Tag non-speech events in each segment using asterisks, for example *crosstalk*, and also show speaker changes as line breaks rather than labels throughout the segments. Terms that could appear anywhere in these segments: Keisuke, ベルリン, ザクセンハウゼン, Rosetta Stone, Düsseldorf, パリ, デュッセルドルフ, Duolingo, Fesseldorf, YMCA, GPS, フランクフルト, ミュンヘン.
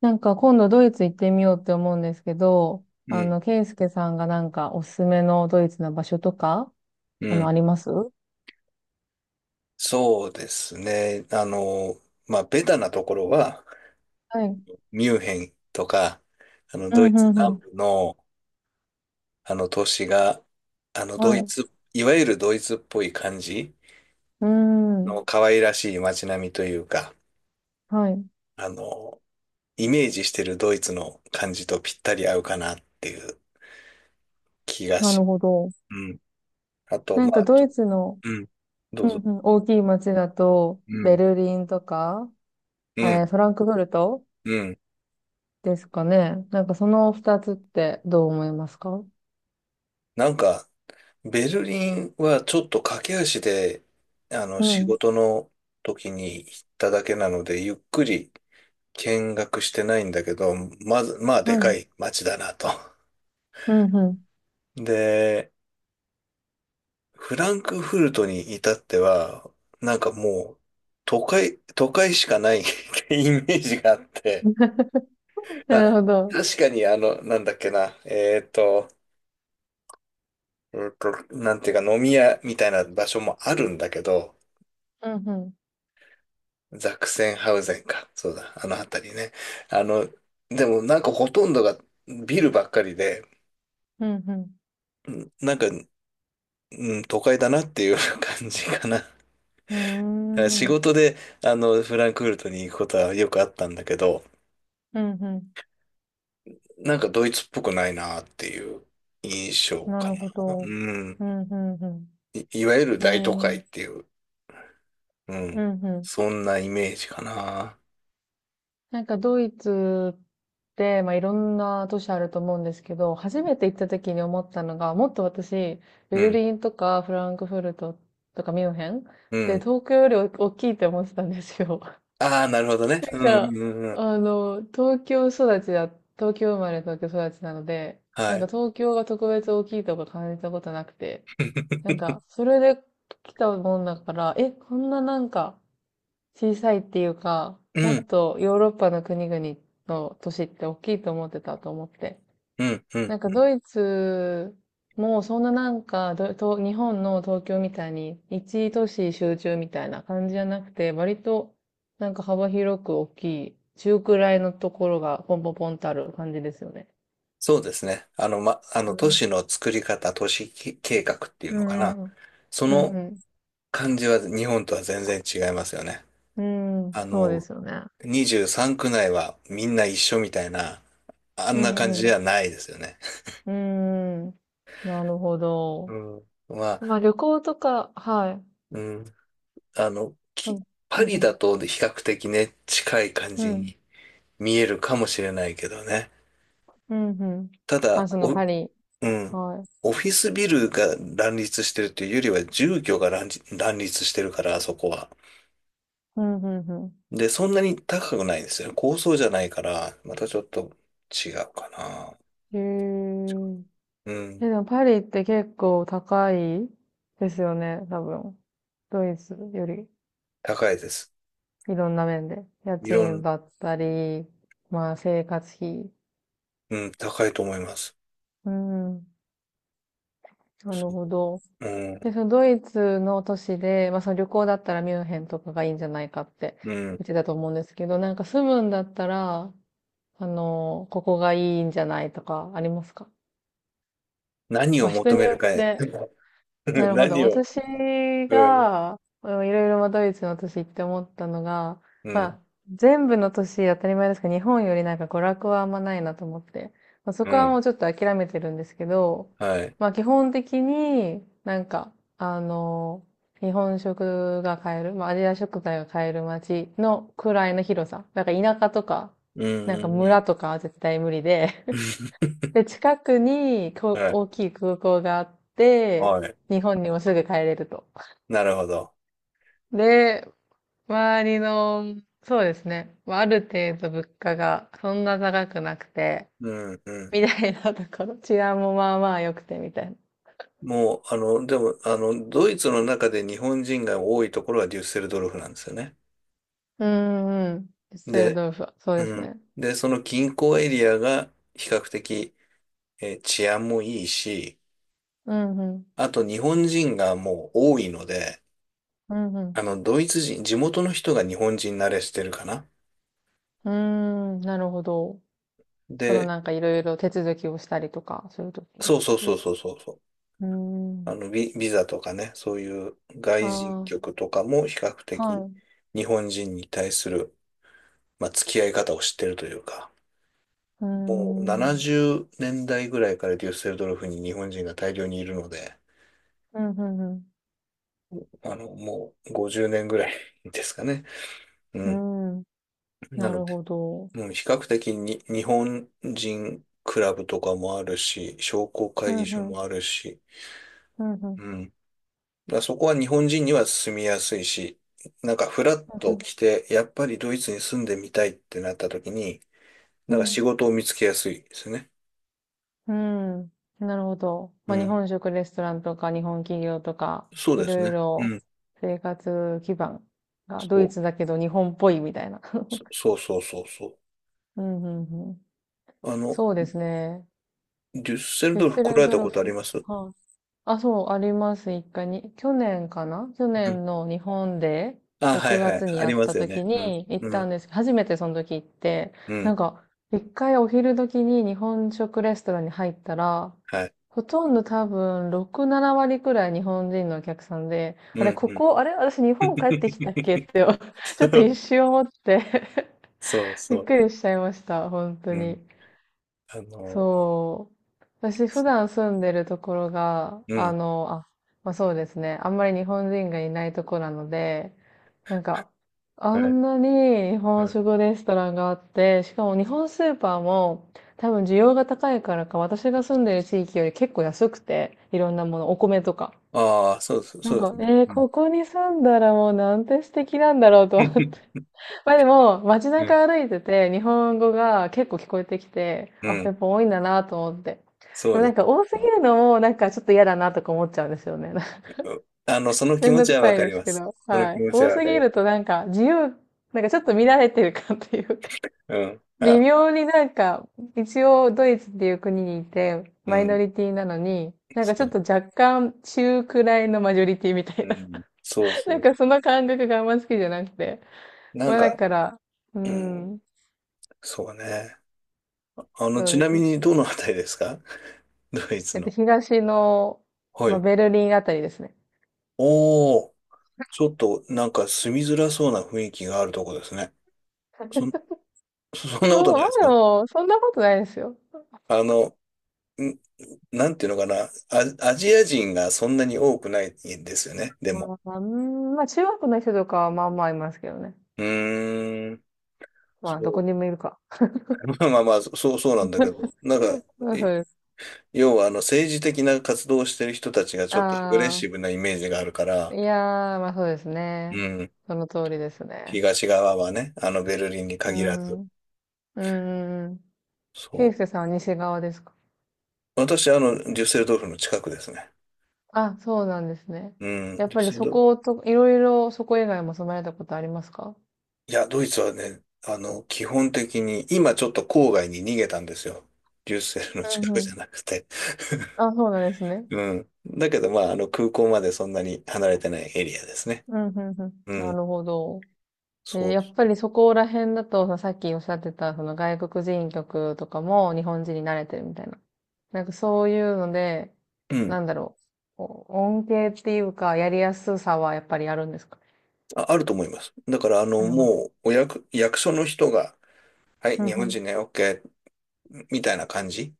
なんか今度ドイツ行ってみようって思うんですけど、
うん、
ケイスケさんがなんかおすすめのドイツの場所とか、
うん。
あります。は
そうですね。まあ、ベタなところは、
い。
ミュンヘンとか、
う
ド
ん、
イツ
うん、う
南
ん。
部の、都市が、ド
はい。
イ
う
ツ、いわゆるドイツっぽい感じ
ーん。
の可愛らしい街並みというか、
はい。
あの、イメージしてるドイツの感じとぴったり合うかなっていう気が
な
し、
るほど。
うん。あと、
な
ま
ん
あ、
かドイツの、
うん。ど
う
う
ん、
ぞ。
うん、大きい街だと、
う
ベ
ん。
ルリンとか、
うん。
フランクフルト
うん。
ですかね。なんかその二つってどう思いますか？
なんか、ベルリンはちょっと駆け足で、
う
仕
ん。
事の時に行っただけなので、ゆっくり見学してないんだけど、まず、まあ、で
は
か
い。
い街だなと。
うん、うん。
*laughs* で、フランクフルトに至っては、なんかもう、都会しかない *laughs* ってイメージがあって、
*laughs*
まあ、
なるほど。
確かになんだっけな、なんていうか飲み屋みたいな場所もあるんだけど、
うん、うん。
ザクセンハウゼンか。そうだ。あの辺りね。あの、でもなんかほとんどがビルばっかりで、
うん、
うんなんか、うん、都会だなっていう感じかな。*laughs* だ
う
から仕
ん。うーん。
事で、フランクフルトに行くことはよくあったんだけど、
うんうん。
なんかドイツっぽくないなっていう印象
な
か
る
な。
ほど。
うん。
うん、うん、う
いわゆる
ん。え
大都会
え、
っていう、う
う
ん。
ん、うん。
そんなイメージかな。
なんかドイツって、まあ、いろんな都市あると思うんですけど、初めて行った時に思ったのが、もっと私、
う
ベル
ん、
リンとかフランクフルトとかミュンヘン
う
で、
ん。
東京より大きいって思ってたんですよ。*laughs*
ああ、なるほどね。
な
う
ん
ん、
か、
うん、うん。
東京育ちだ、東京生まれ東京育ちなので、な
は
んか
い。
東京が特別大きいとか感じたことなくて、なん
*laughs*
か、それで来たもんだから、え、こんななんか、小さいっていうか、
う
もっ
ん、
とヨーロッパの国々の都市って大きいと思ってたと思って。
うん、うん。
なんかドイツもそんななんかどと日本の東京みたいに一都市集中みたいな感じじゃなくて、割となんか幅広く大きい、中くらいのところがポンポンポンとある感じですよね。
そうですね。あの、ま、あ
う
の、都
ん。
市の作り方、都市き計画っていう
う
のか
ん
な。
うん
そ
う
の
ん。う
感じは日本とは全然違いますよね。
んうん。
あ
そうで
の、
すよね。
23区内はみんな一緒みたいな、あ
う
んな感
んう
じで
ん。
はないですよね。
うん。なるほ
う
ど。
ん。まあ、
まあ旅行とか、はい。
うん。あの、
そ
き、
う。
パ
*laughs*
リ
う
だ
ん、
と比較的ね、近い感
う
じ
ん。
に見えるかもしれないけどね。
うん、うん。
ただ、
あ、そのパリ。
うん。
はい。
オフィスビルが乱立してるというよりは住居が乱立してるから、あそこは。
うん、うん、う
で、そんなに高くないんですよね。高層じゃないから、またちょっと違うかな。
ん。へ
う
え。え、
ん。
でもパリって結構高いですよね、多分。ドイツより、
高いです。
いろんな面で。家
いろ
賃
ん、
だったり、まあ生活費。
うん、高いと思います。
うん。なるほど。
うん、
で、そのドイツの都市で、まあその旅行だったらミュンヘンとかがいいんじゃないかって
うん。
言ってたと思うんですけど、なんか住むんだったら、ここがいいんじゃないとかありますか？
何
ま
を
あ人
求
に
め
よ
る
っ
かへ。
て。な
*laughs*
るほど。
何を、
私
うん、
が、うんいろいろまあドイツの都市行って思ったのが、
う
ま
ん、
あ、全部の都市当たり前ですが、日本よりなんか娯楽はあんまないなと思って、まあ、そ
う
こはも
ん。
うちょっと諦めてるんですけど、
はい。
まあ基本的になんか、日本食が買える、まあアジア食材が買える街のくらいの広さ。なんか田舎とか、
うん、
なん
う
か
ん、うん。
村とかは絶対無理で、
*laughs*
で、近くに
はい。
大きい空港があって、
はい。
日本にもすぐ帰れると。
なるほど。
で、周りの、そうですね。まあある程度物価がそんな高くなくて、
うん、う
み
ん。
たいなところ。*laughs* 治安もまあまあ良くてみたいな。
もう、でも、ドイツの中で日本人が多いところはデュッセルドルフなんですよね。
うんうん。デュッセル
で、
ドルフは、そうです
うん。
ね。
で、その近郊エリアが比較的、治安もいいし、
うんうん。
あと日本人がもう多いので、
うんう
ドイツ人、地元の人が日本人慣れしてるかな。
ん。うーん、なるほど。その
で、
なんかいろいろ手続きをしたりとか、そういう時の
そうそ
こ
う
と
そ
で
う
すか。
そうそうそう。
うーん。
ビザとかね、そういう外人
あ
局とかも比較
あ、は
的
い。
日本人に対する、まあ、付き合い方を知ってるというか。
うー
もう
ん。
70年代ぐらいからデュッセルドルフに日本人が大量にいるので、
うん、うん
もう50年ぐらいですかね。う
う
ん。
ん。うん。
な
な
の
る
で、
ほど。
もうん比較的に日本人クラブとかもあるし、商工
う
会
ん、
議所
うん。
もあるし、
うん、うん。
うん。だからそこは日本人には住みやすいし、なんかフラッ
う
と
ん、
来て、やっぱりドイツに住んでみたいってなった時に、
う
なんか仕事を見つけやすいですね。
ん。うん。なるほど。
う
まあ、日
ん。
本食レストランとか、日本企業とか、
そう
い
です
ろい
ね。
ろ
うん。
生活基盤がド
そ
イ
う。
ツだけど日本っぽいみたいな。
そうそうそうそう。
うん、うん、うん。
あの、
そうですね。
デュッセル
フェ
ド
ッ
ルフ
セ
来ら
ル
れ
ド
た
ル
ことあり
フ。
ます？
はい。あ、そう、あります、一回に。去年かな去
うん。
年の日本で、
あ、はい
6
はい。
月に
あ
や
り
っ
ま
た
すよ
時
ね。うん。
に行っ
う
た
ん。
んです。初めてその時行って、
う
な
ん。
んか、一回お昼時に日本食レストランに入ったら、
はい。
ほとんど多分6、7割くらい日本人のお客さんで、
う
あれ、
ん。
こ
うん。
こ、あれ、私日本帰ってきたっけって、*laughs* ちょっと一
*laughs*
瞬思って
そう
*laughs* び
そ
っ
うそ
くりしちゃいました、本当
う。う
に。
ん。あの、
そう。私普段住んでるところが、
うん。
あ、まあそうですね。あんまり日本人がいないとこなので、なんか、あ
はい。
んなに日本
はい。
食レストランがあって、しかも日本スーパーも多分需要が高いからか、私が住んでる地域より結構安くて、いろんなもの、お米とか。
ああ、そうそう
な
そ
ん
うです
か、
ね。うん。
ここに住んだらもうなんて素敵なんだろうと思って。
*laughs*
まあでも、街
うん。
中歩いてて、日本語が結構聞こえてきて、
う
あ、や
ん。
っぱ多いんだなと思って。で
そ
も
う
な
で
ん
す
か
ね。
多すぎるのも、なんかちょっと嫌だなとか思っちゃうんですよね。*laughs*
うんその気
めん
持
ど
ち
く
はわ
さい
か
で
り
す
ま
け
す。
ど。
その
は
気
い。
持ち
多
はわ
す
か
ぎ
ります。
るとなんか自由、なんかちょっと見られてる感というか、
うん。
微
あ、
妙になんか、一応ドイツっていう国にいて、
う
マイノ
ん。
リティなのに、なんかち
そ
ょっ
う。
と若干中くらいのマジョリティみたい
う
な。
ん。そう
*laughs*
そ
なん
う。
かその感覚があんま好きじゃなくて。
な
ま
ん
あだ
か、
から、う
うん。
ん、
そうね。
そう
ち
で
な
す
み
ね。
にどのあたりですか？ *laughs* ドイツの。
東の、
は
まあ、
い。
ベルリンあたりですね。
おー、ちょっとなんか住みづらそうな雰囲気があるとこですね。そん、そ *laughs* んな
そ
こ
う、
と
ま
な
あ
いです
で
か？
も、そんなことないですよ。
あの、ん、なんていうのかな、アジア人がそんなに多くないんですよね、で
ま
も。
あ、うんまあ、中学の人とかはまあまあいますけどね。
うーん、
まあ、ど
そ
こに
う。
もいるか。
*laughs* まあまあまあ、そう、そうなんだけど、なんか、
まあ、そ
え
うです。
要はあの政治的な活動をしてる人たちがちょっとアグレッ
あ
シブなイメージがあるか
あ、
ら、
いやー、まあそうです
う
ね。
ん、
その通りですね。
東側はね、あのベルリンに
う
限らず。
ん。うんうんうん。ケイ
そ
スケさんは西側ですか？
う。私、デュッセルドルフの近くですね。
あ、そうなんですね。
うん。
やっ
デュッ
ぱり
セル
そ
ド
こと、いろいろそこ以外も住まれたことありますか？
いや、ドイツはね、基本的に、今ちょっと郊外に逃げたんですよ。デュッセルの
う
近
ん
く
う
じゃ
ん。
なくて。
あ、そうなんですね。
うん。だけど、まあ、空港までそんなに離れてないエリアですね。
うんうんうん。
う
な
ん。
るほど。
そ
やっぱりそこら辺だと、さっきおっしゃってた、その外国人曲とかも日本人に慣れてるみたいな。なんかそういうので、
う。う
な
ん。
んだろう、こう恩恵っていうか、やりやすさはやっぱりあるんですか？
あると思います。だから、
あります。
もう、役所の人が、はい、
う
日
んう
本
ん。
人ね、OK、みたいな感じ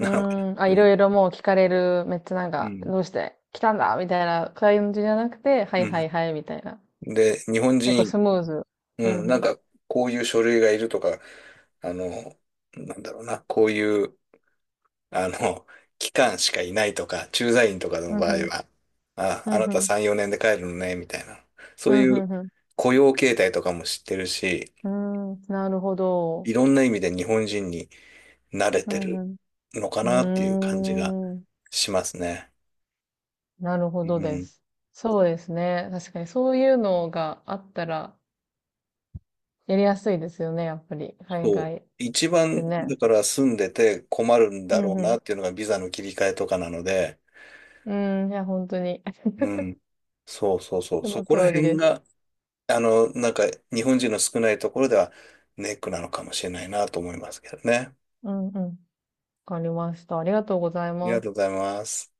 う
のか
ーん、あ、
な。う
い
ん。
ろいろもう聞かれる、めっちゃなん
う
か、
ん。
どうして来たんだみたいな感じじゃなくて、は
う
いは
ん。
いはい、みたいな。
で、日本
結構
人、
スムーズ。うん
うん、な
う
ん
ん。
か、こういう書類がいるとか、あの、なんだろうな、こういう、あの、期間しかいないとか、駐在員とかの
うん
場
う
合
ん。
は、あ、
う
あな
ん
た
うん。
3、4年で帰るのね、みたいな。そ
う
うい
ん
う
うん
雇用形態とかも知ってるし、
うん。うーん、なるほ
い
ど。
ろんな意味で日本人に慣れ
う
てる
ん
のか
う
なっていう
ん。う
感じが
ーん。
しますね。
なるほど
う
で
ん、
す。そうですね。確かにそういうのがあったらやりやすいですよね、やっぱり。海
そう。
外
一
で
番、
ね。
だから住んでて困るん
う
だろ
ん
う
う
な
ん。
っていうのがビザの切り替えとかなので、
うん、いや、本当に *laughs*
うん。そうそうそう。
そ
そ
の
こら
通り
辺
です。
がなんか、日本人の少ないところではネックなのかもしれないなと思いますけどね。あ
うんうん。わかりました。ありがとうござい
りが
ます。
とうございます。